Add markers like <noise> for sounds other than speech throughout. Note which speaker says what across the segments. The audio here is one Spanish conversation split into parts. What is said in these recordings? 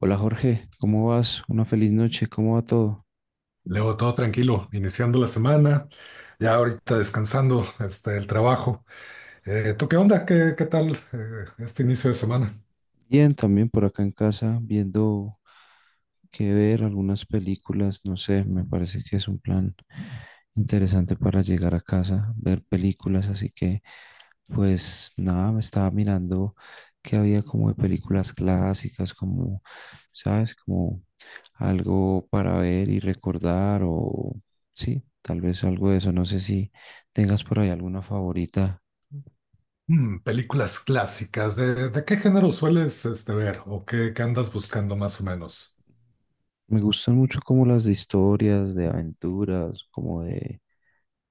Speaker 1: Hola Jorge, ¿cómo vas? Una feliz noche, ¿cómo va todo?
Speaker 2: Luego todo tranquilo, iniciando la semana, ya ahorita descansando el trabajo. ¿Tú qué onda? ¿Qué tal este inicio de semana?
Speaker 1: Bien, también por acá en casa, viendo qué ver, algunas películas, no sé, me parece que es un plan interesante para llegar a casa, ver películas, así que pues nada, me estaba mirando que había como de películas clásicas, como, ¿sabes? Como algo para ver y recordar o sí, tal vez algo de eso, no sé si tengas por ahí alguna favorita.
Speaker 2: Películas clásicas, ¿de qué género sueles ver o qué andas buscando más o menos?
Speaker 1: Me gustan mucho como las de historias, de aventuras, como de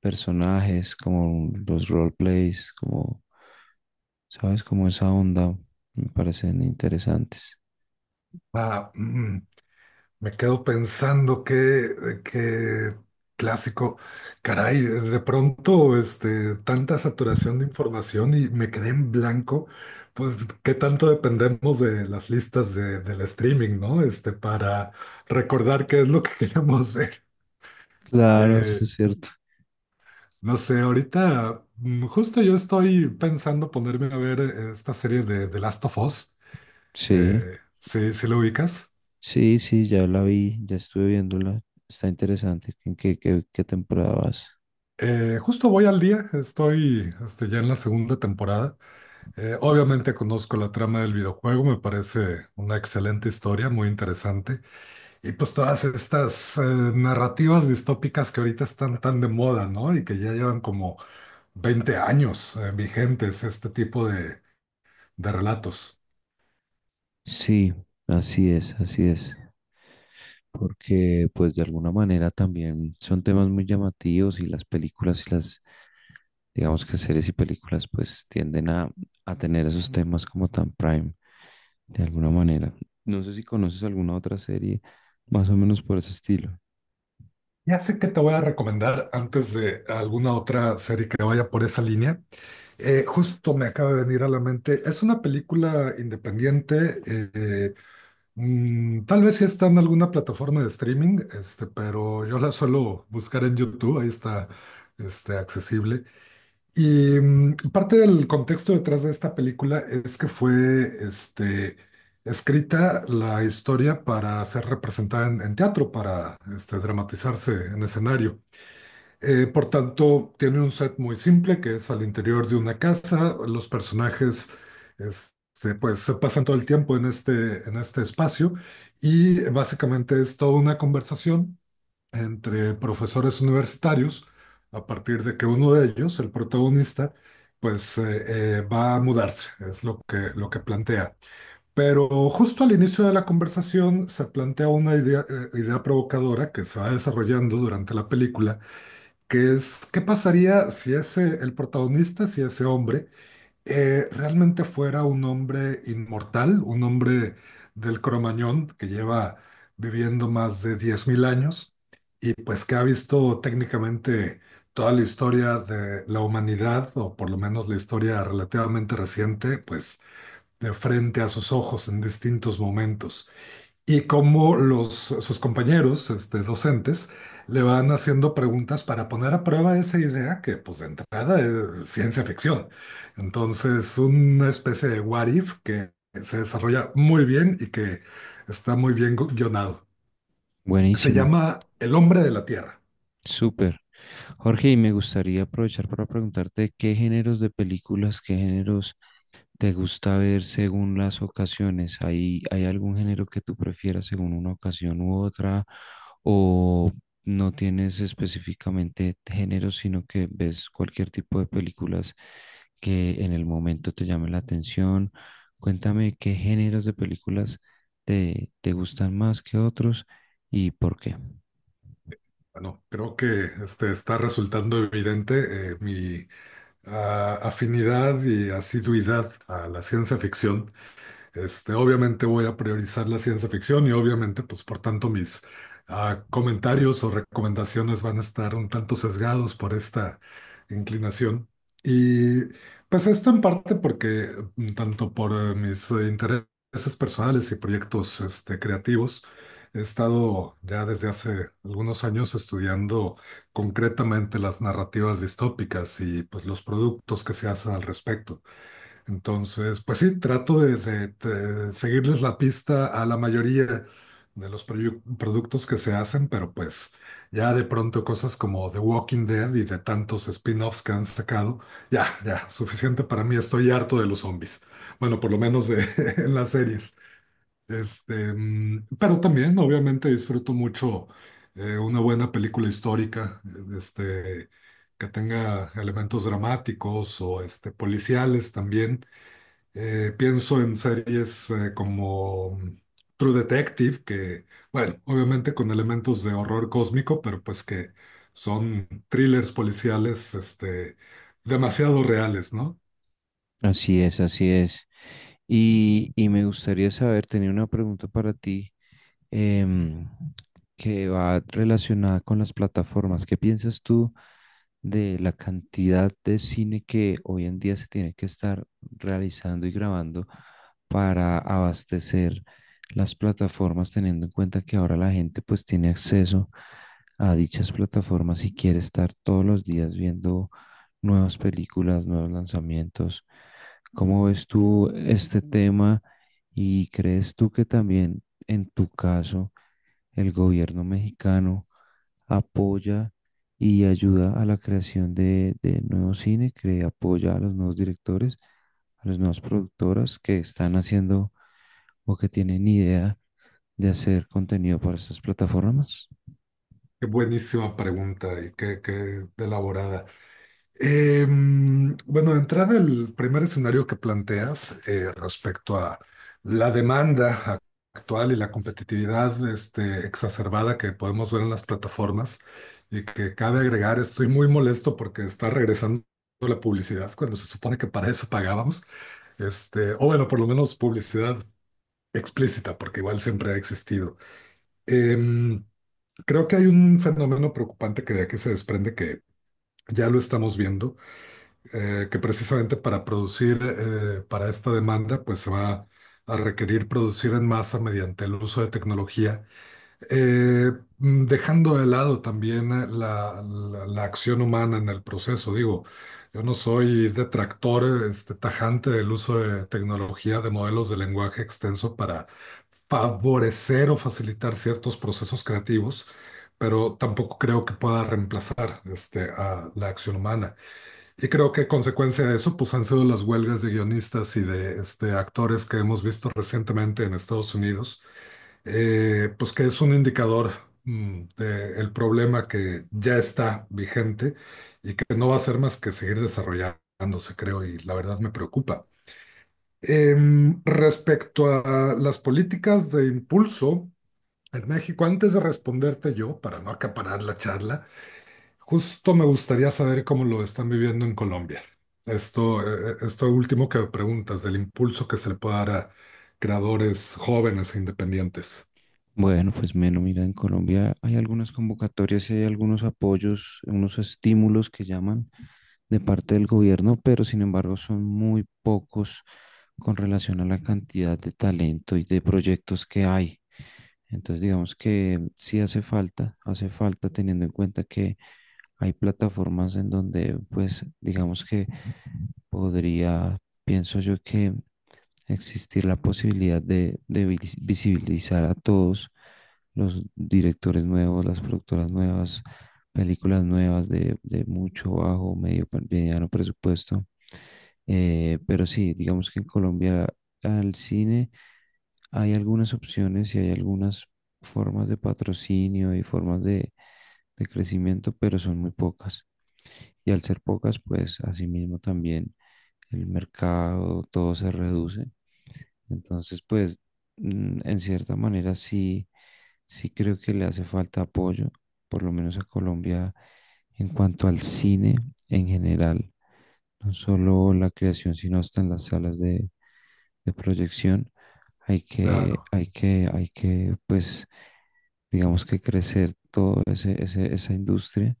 Speaker 1: personajes, como los roleplays, como, ¿sabes? Como esa onda me parecen interesantes.
Speaker 2: Ah, mm, Me quedo pensando qué clásico. Caray, de pronto, tanta saturación de información y me quedé en blanco. Pues, qué tanto dependemos de las listas del streaming, ¿no? Para recordar qué es lo que <laughs> queremos ver.
Speaker 1: Claro, eso
Speaker 2: Eh,
Speaker 1: es cierto.
Speaker 2: no sé, ahorita, justo yo estoy pensando ponerme a ver esta serie de The Last of Us.
Speaker 1: Sí,
Speaker 2: Sí lo ubicas?
Speaker 1: sí, sí, ya la vi, ya estuve viéndola. Está interesante. ¿En qué temporada vas?
Speaker 2: Justo voy al día, estoy ya en la segunda temporada. Obviamente conozco la trama del videojuego, me parece una excelente historia, muy interesante. Y pues todas estas narrativas distópicas que ahorita están tan de moda, ¿no? Y que ya llevan como 20 años vigentes este tipo de relatos.
Speaker 1: Sí, así es, así es. Porque pues de alguna manera también son temas muy llamativos y las películas y las digamos que series y películas pues tienden a tener esos temas como tan prime de alguna manera. No sé si conoces alguna otra serie más o menos por ese estilo.
Speaker 2: Ya sé que te voy a recomendar antes de alguna otra serie que vaya por esa línea. Justo me acaba de venir a la mente. Es una película independiente. Tal vez sí está en alguna plataforma de streaming, pero yo la suelo buscar en YouTube, ahí está, accesible. Y parte del contexto detrás de esta película es que fue, escrita la historia para ser representada en teatro, para, dramatizarse en escenario. Por tanto, tiene un set muy simple que es al interior de una casa. Los personajes, pues, se pasan todo el tiempo en este espacio y básicamente es toda una conversación entre profesores universitarios a partir de que uno de ellos, el protagonista, pues, va a mudarse, es lo lo que plantea. Pero justo al inicio de la conversación se plantea una idea, idea provocadora que se va desarrollando durante la película que es, ¿qué pasaría si ese, el protagonista, si ese hombre, realmente fuera un hombre inmortal, un hombre del Cromañón que lleva viviendo más de 10,000 años y pues que ha visto técnicamente toda la historia de la humanidad, o por lo menos la historia relativamente reciente, pues de frente a sus ojos en distintos momentos? ¿Y cómo los, sus compañeros, docentes, le van haciendo preguntas para poner a prueba esa idea que, pues, de entrada es ciencia ficción? Entonces, una especie de what if que se desarrolla muy bien y que está muy bien guionado. Se
Speaker 1: Buenísimo,
Speaker 2: llama El hombre de la Tierra.
Speaker 1: súper. Jorge, y me gustaría aprovechar para preguntarte qué géneros de películas, qué géneros te gusta ver según las ocasiones. ¿Hay algún género que tú prefieras según una ocasión u otra? ¿O no tienes específicamente géneros, sino que ves cualquier tipo de películas que en el momento te llame la atención? Cuéntame qué géneros de películas te gustan más que otros y por qué.
Speaker 2: Bueno, creo que está resultando evidente mi afinidad y asiduidad a la ciencia ficción. Obviamente voy a priorizar la ciencia ficción y obviamente, pues por tanto, mis comentarios o recomendaciones van a estar un tanto sesgados por esta inclinación. Y pues esto en parte porque, tanto por mis intereses personales y proyectos creativos, he estado ya desde hace algunos años estudiando concretamente las narrativas distópicas y pues los productos que se hacen al respecto. Entonces, pues sí, trato de seguirles la pista a la mayoría de los productos que se hacen, pero pues ya de pronto cosas como The Walking Dead y de tantos spin-offs que han sacado, ya, suficiente para mí, estoy harto de los zombies. Bueno, por lo menos de, <laughs> en las series. Pero también, obviamente, disfruto mucho una buena película histórica, este, que tenga elementos dramáticos o policiales también. Pienso en series como True Detective, que, bueno, obviamente con elementos de horror cósmico, pero pues que son thrillers policiales, demasiado reales, ¿no?
Speaker 1: Así es, así es. Y me gustaría saber, tenía una pregunta para ti em, que va relacionada con las plataformas. ¿Qué piensas tú de la cantidad de cine que hoy en día se tiene que estar realizando y grabando para abastecer las plataformas, teniendo en cuenta que ahora la gente pues tiene acceso a dichas plataformas y quiere estar todos los días viendo nuevas películas, nuevos lanzamientos? ¿Cómo ves tú este tema? ¿Y crees tú que también en tu caso, el gobierno mexicano apoya y ayuda a la creación de nuevo cine, que apoya a los nuevos directores, a las nuevas productoras que están haciendo o que tienen idea de hacer contenido para estas plataformas?
Speaker 2: Qué buenísima pregunta y qué elaborada. Bueno, de entrada, el primer escenario que planteas respecto a la demanda actual y la competitividad exacerbada que podemos ver en las plataformas y que cabe agregar, estoy muy molesto porque está regresando la publicidad cuando se supone que para eso pagábamos, o bueno, por lo menos publicidad explícita, porque igual siempre ha existido. Em, Creo que hay un fenómeno preocupante que de aquí se desprende que ya lo estamos viendo que precisamente para producir para esta demanda, pues se va a requerir producir en masa mediante el uso de tecnología, eh, dejando de lado también la, la acción humana en el proceso. Digo, yo no soy detractor tajante del uso de tecnología de modelos de lenguaje extenso para favorecer o facilitar ciertos procesos creativos, pero tampoco creo que pueda reemplazar a la acción humana. Y creo que consecuencia de eso, pues han sido las huelgas de guionistas y de actores que hemos visto recientemente en Estados Unidos, pues que es un indicador de el problema que ya está vigente y que no va a ser más que seguir desarrollándose, creo, y la verdad me preocupa. Respecto a las políticas de impulso en México, antes de responderte yo, para no acaparar la charla, justo me gustaría saber cómo lo están viviendo en Colombia. Esto, esto último que preguntas, del impulso que se le puede dar a creadores jóvenes e independientes.
Speaker 1: Bueno, pues menos, mira, en Colombia hay algunas convocatorias y hay algunos apoyos, unos estímulos que llaman de parte del gobierno, pero sin embargo son muy pocos con relación a la cantidad de talento y de proyectos que hay. Entonces, digamos que sí hace falta teniendo en cuenta que hay plataformas en donde, pues, digamos que podría, pienso yo que existir la posibilidad de visibilizar a todos los directores nuevos, las productoras nuevas, películas nuevas de mucho, bajo, medio, mediano presupuesto. Pero sí, digamos que en Colombia al cine hay algunas opciones y hay algunas formas de patrocinio y formas de crecimiento, pero son muy pocas. Y al ser pocas, pues asimismo también el mercado, todo se reduce entonces, pues, en cierta manera sí, sí creo que le hace falta apoyo, por lo menos a Colombia en cuanto al cine en general, no solo la creación, sino hasta en las salas de proyección.
Speaker 2: Claro,
Speaker 1: Pues, digamos que crecer todo esa industria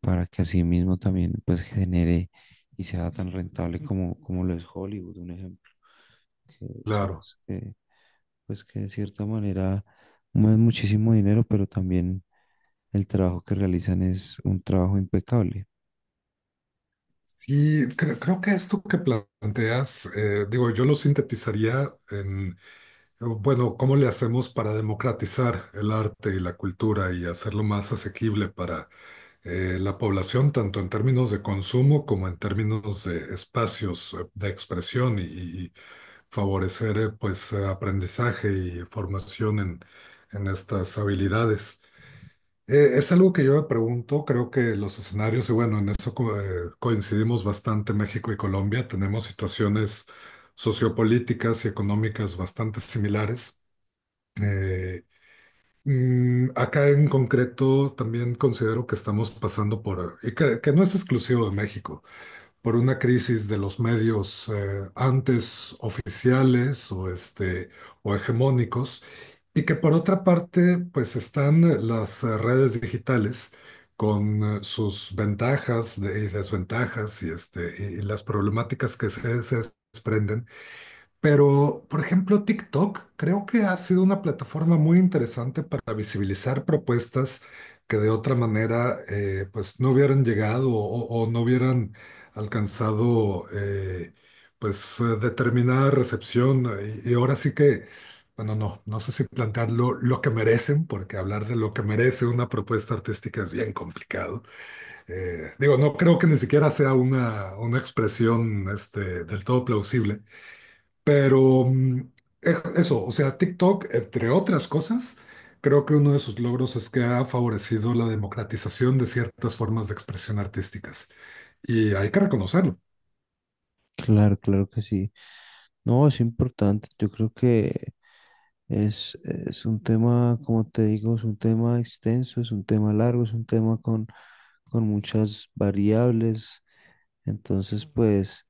Speaker 1: para que así mismo también pues genere y sea tan rentable como, como lo es Hollywood, un ejemplo, que
Speaker 2: claro.
Speaker 1: sabes que pues que de cierta manera mueven muchísimo dinero, pero también el trabajo que realizan es un trabajo impecable.
Speaker 2: Sí, creo que esto que planteas, digo, yo lo sintetizaría en, bueno, ¿cómo le hacemos para democratizar el arte y la cultura y hacerlo más asequible para la población, tanto en términos de consumo como en términos de espacios de expresión y favorecer aprendizaje y formación en estas habilidades? Es algo que yo me pregunto, creo que los escenarios, y bueno, en eso coincidimos bastante México y Colombia, tenemos situaciones sociopolíticas y económicas bastante similares. Eh, Acá en concreto también considero que estamos pasando por, y que no es exclusivo de México por una crisis de los medios antes oficiales o, o hegemónicos, y que por otra parte, pues están las redes digitales con sus ventajas y desventajas y, y las problemáticas que se desprenden. Pero, por ejemplo, TikTok creo que ha sido una plataforma muy interesante para visibilizar propuestas que de otra manera pues no hubieran llegado o no hubieran alcanzado determinada recepción. Y ahora sí que, bueno, no, no sé si plantearlo lo que merecen, porque hablar de lo que merece una propuesta artística es bien complicado. Digo, no creo que ni siquiera sea una expresión del todo plausible. Pero eso, o sea, TikTok, entre otras cosas, creo que uno de sus logros es que ha favorecido la democratización de ciertas formas de expresión artísticas. Y hay que reconocerlo.
Speaker 1: Claro, claro que sí. No, es importante. Yo creo que es un tema, como te digo, es un tema extenso, es un tema largo, es un tema con muchas variables. Entonces, pues,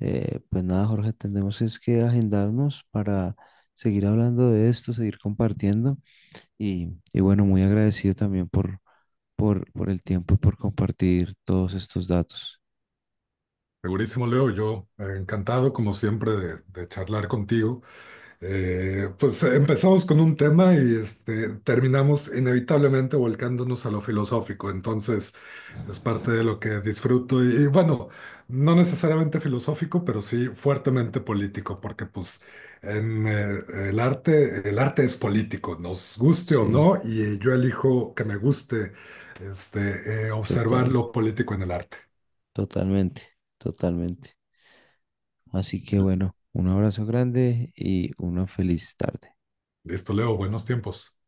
Speaker 1: pues nada, Jorge, tenemos es que agendarnos para seguir hablando de esto, seguir compartiendo. Y bueno, muy agradecido también por el tiempo y por compartir todos estos datos.
Speaker 2: Segurísimo, Leo, yo encantado, como siempre, de charlar contigo. Pues empezamos con un tema y terminamos inevitablemente volcándonos a lo filosófico. Entonces, es parte de lo que disfruto y bueno, no necesariamente filosófico, pero sí fuertemente político, porque pues en el arte es político, nos guste o
Speaker 1: Sí,
Speaker 2: no, y yo elijo que me guste observar
Speaker 1: total,
Speaker 2: lo político en el arte.
Speaker 1: totalmente, totalmente. Así que bueno, un abrazo grande y una feliz tarde.
Speaker 2: Listo, Leo, buenos tiempos.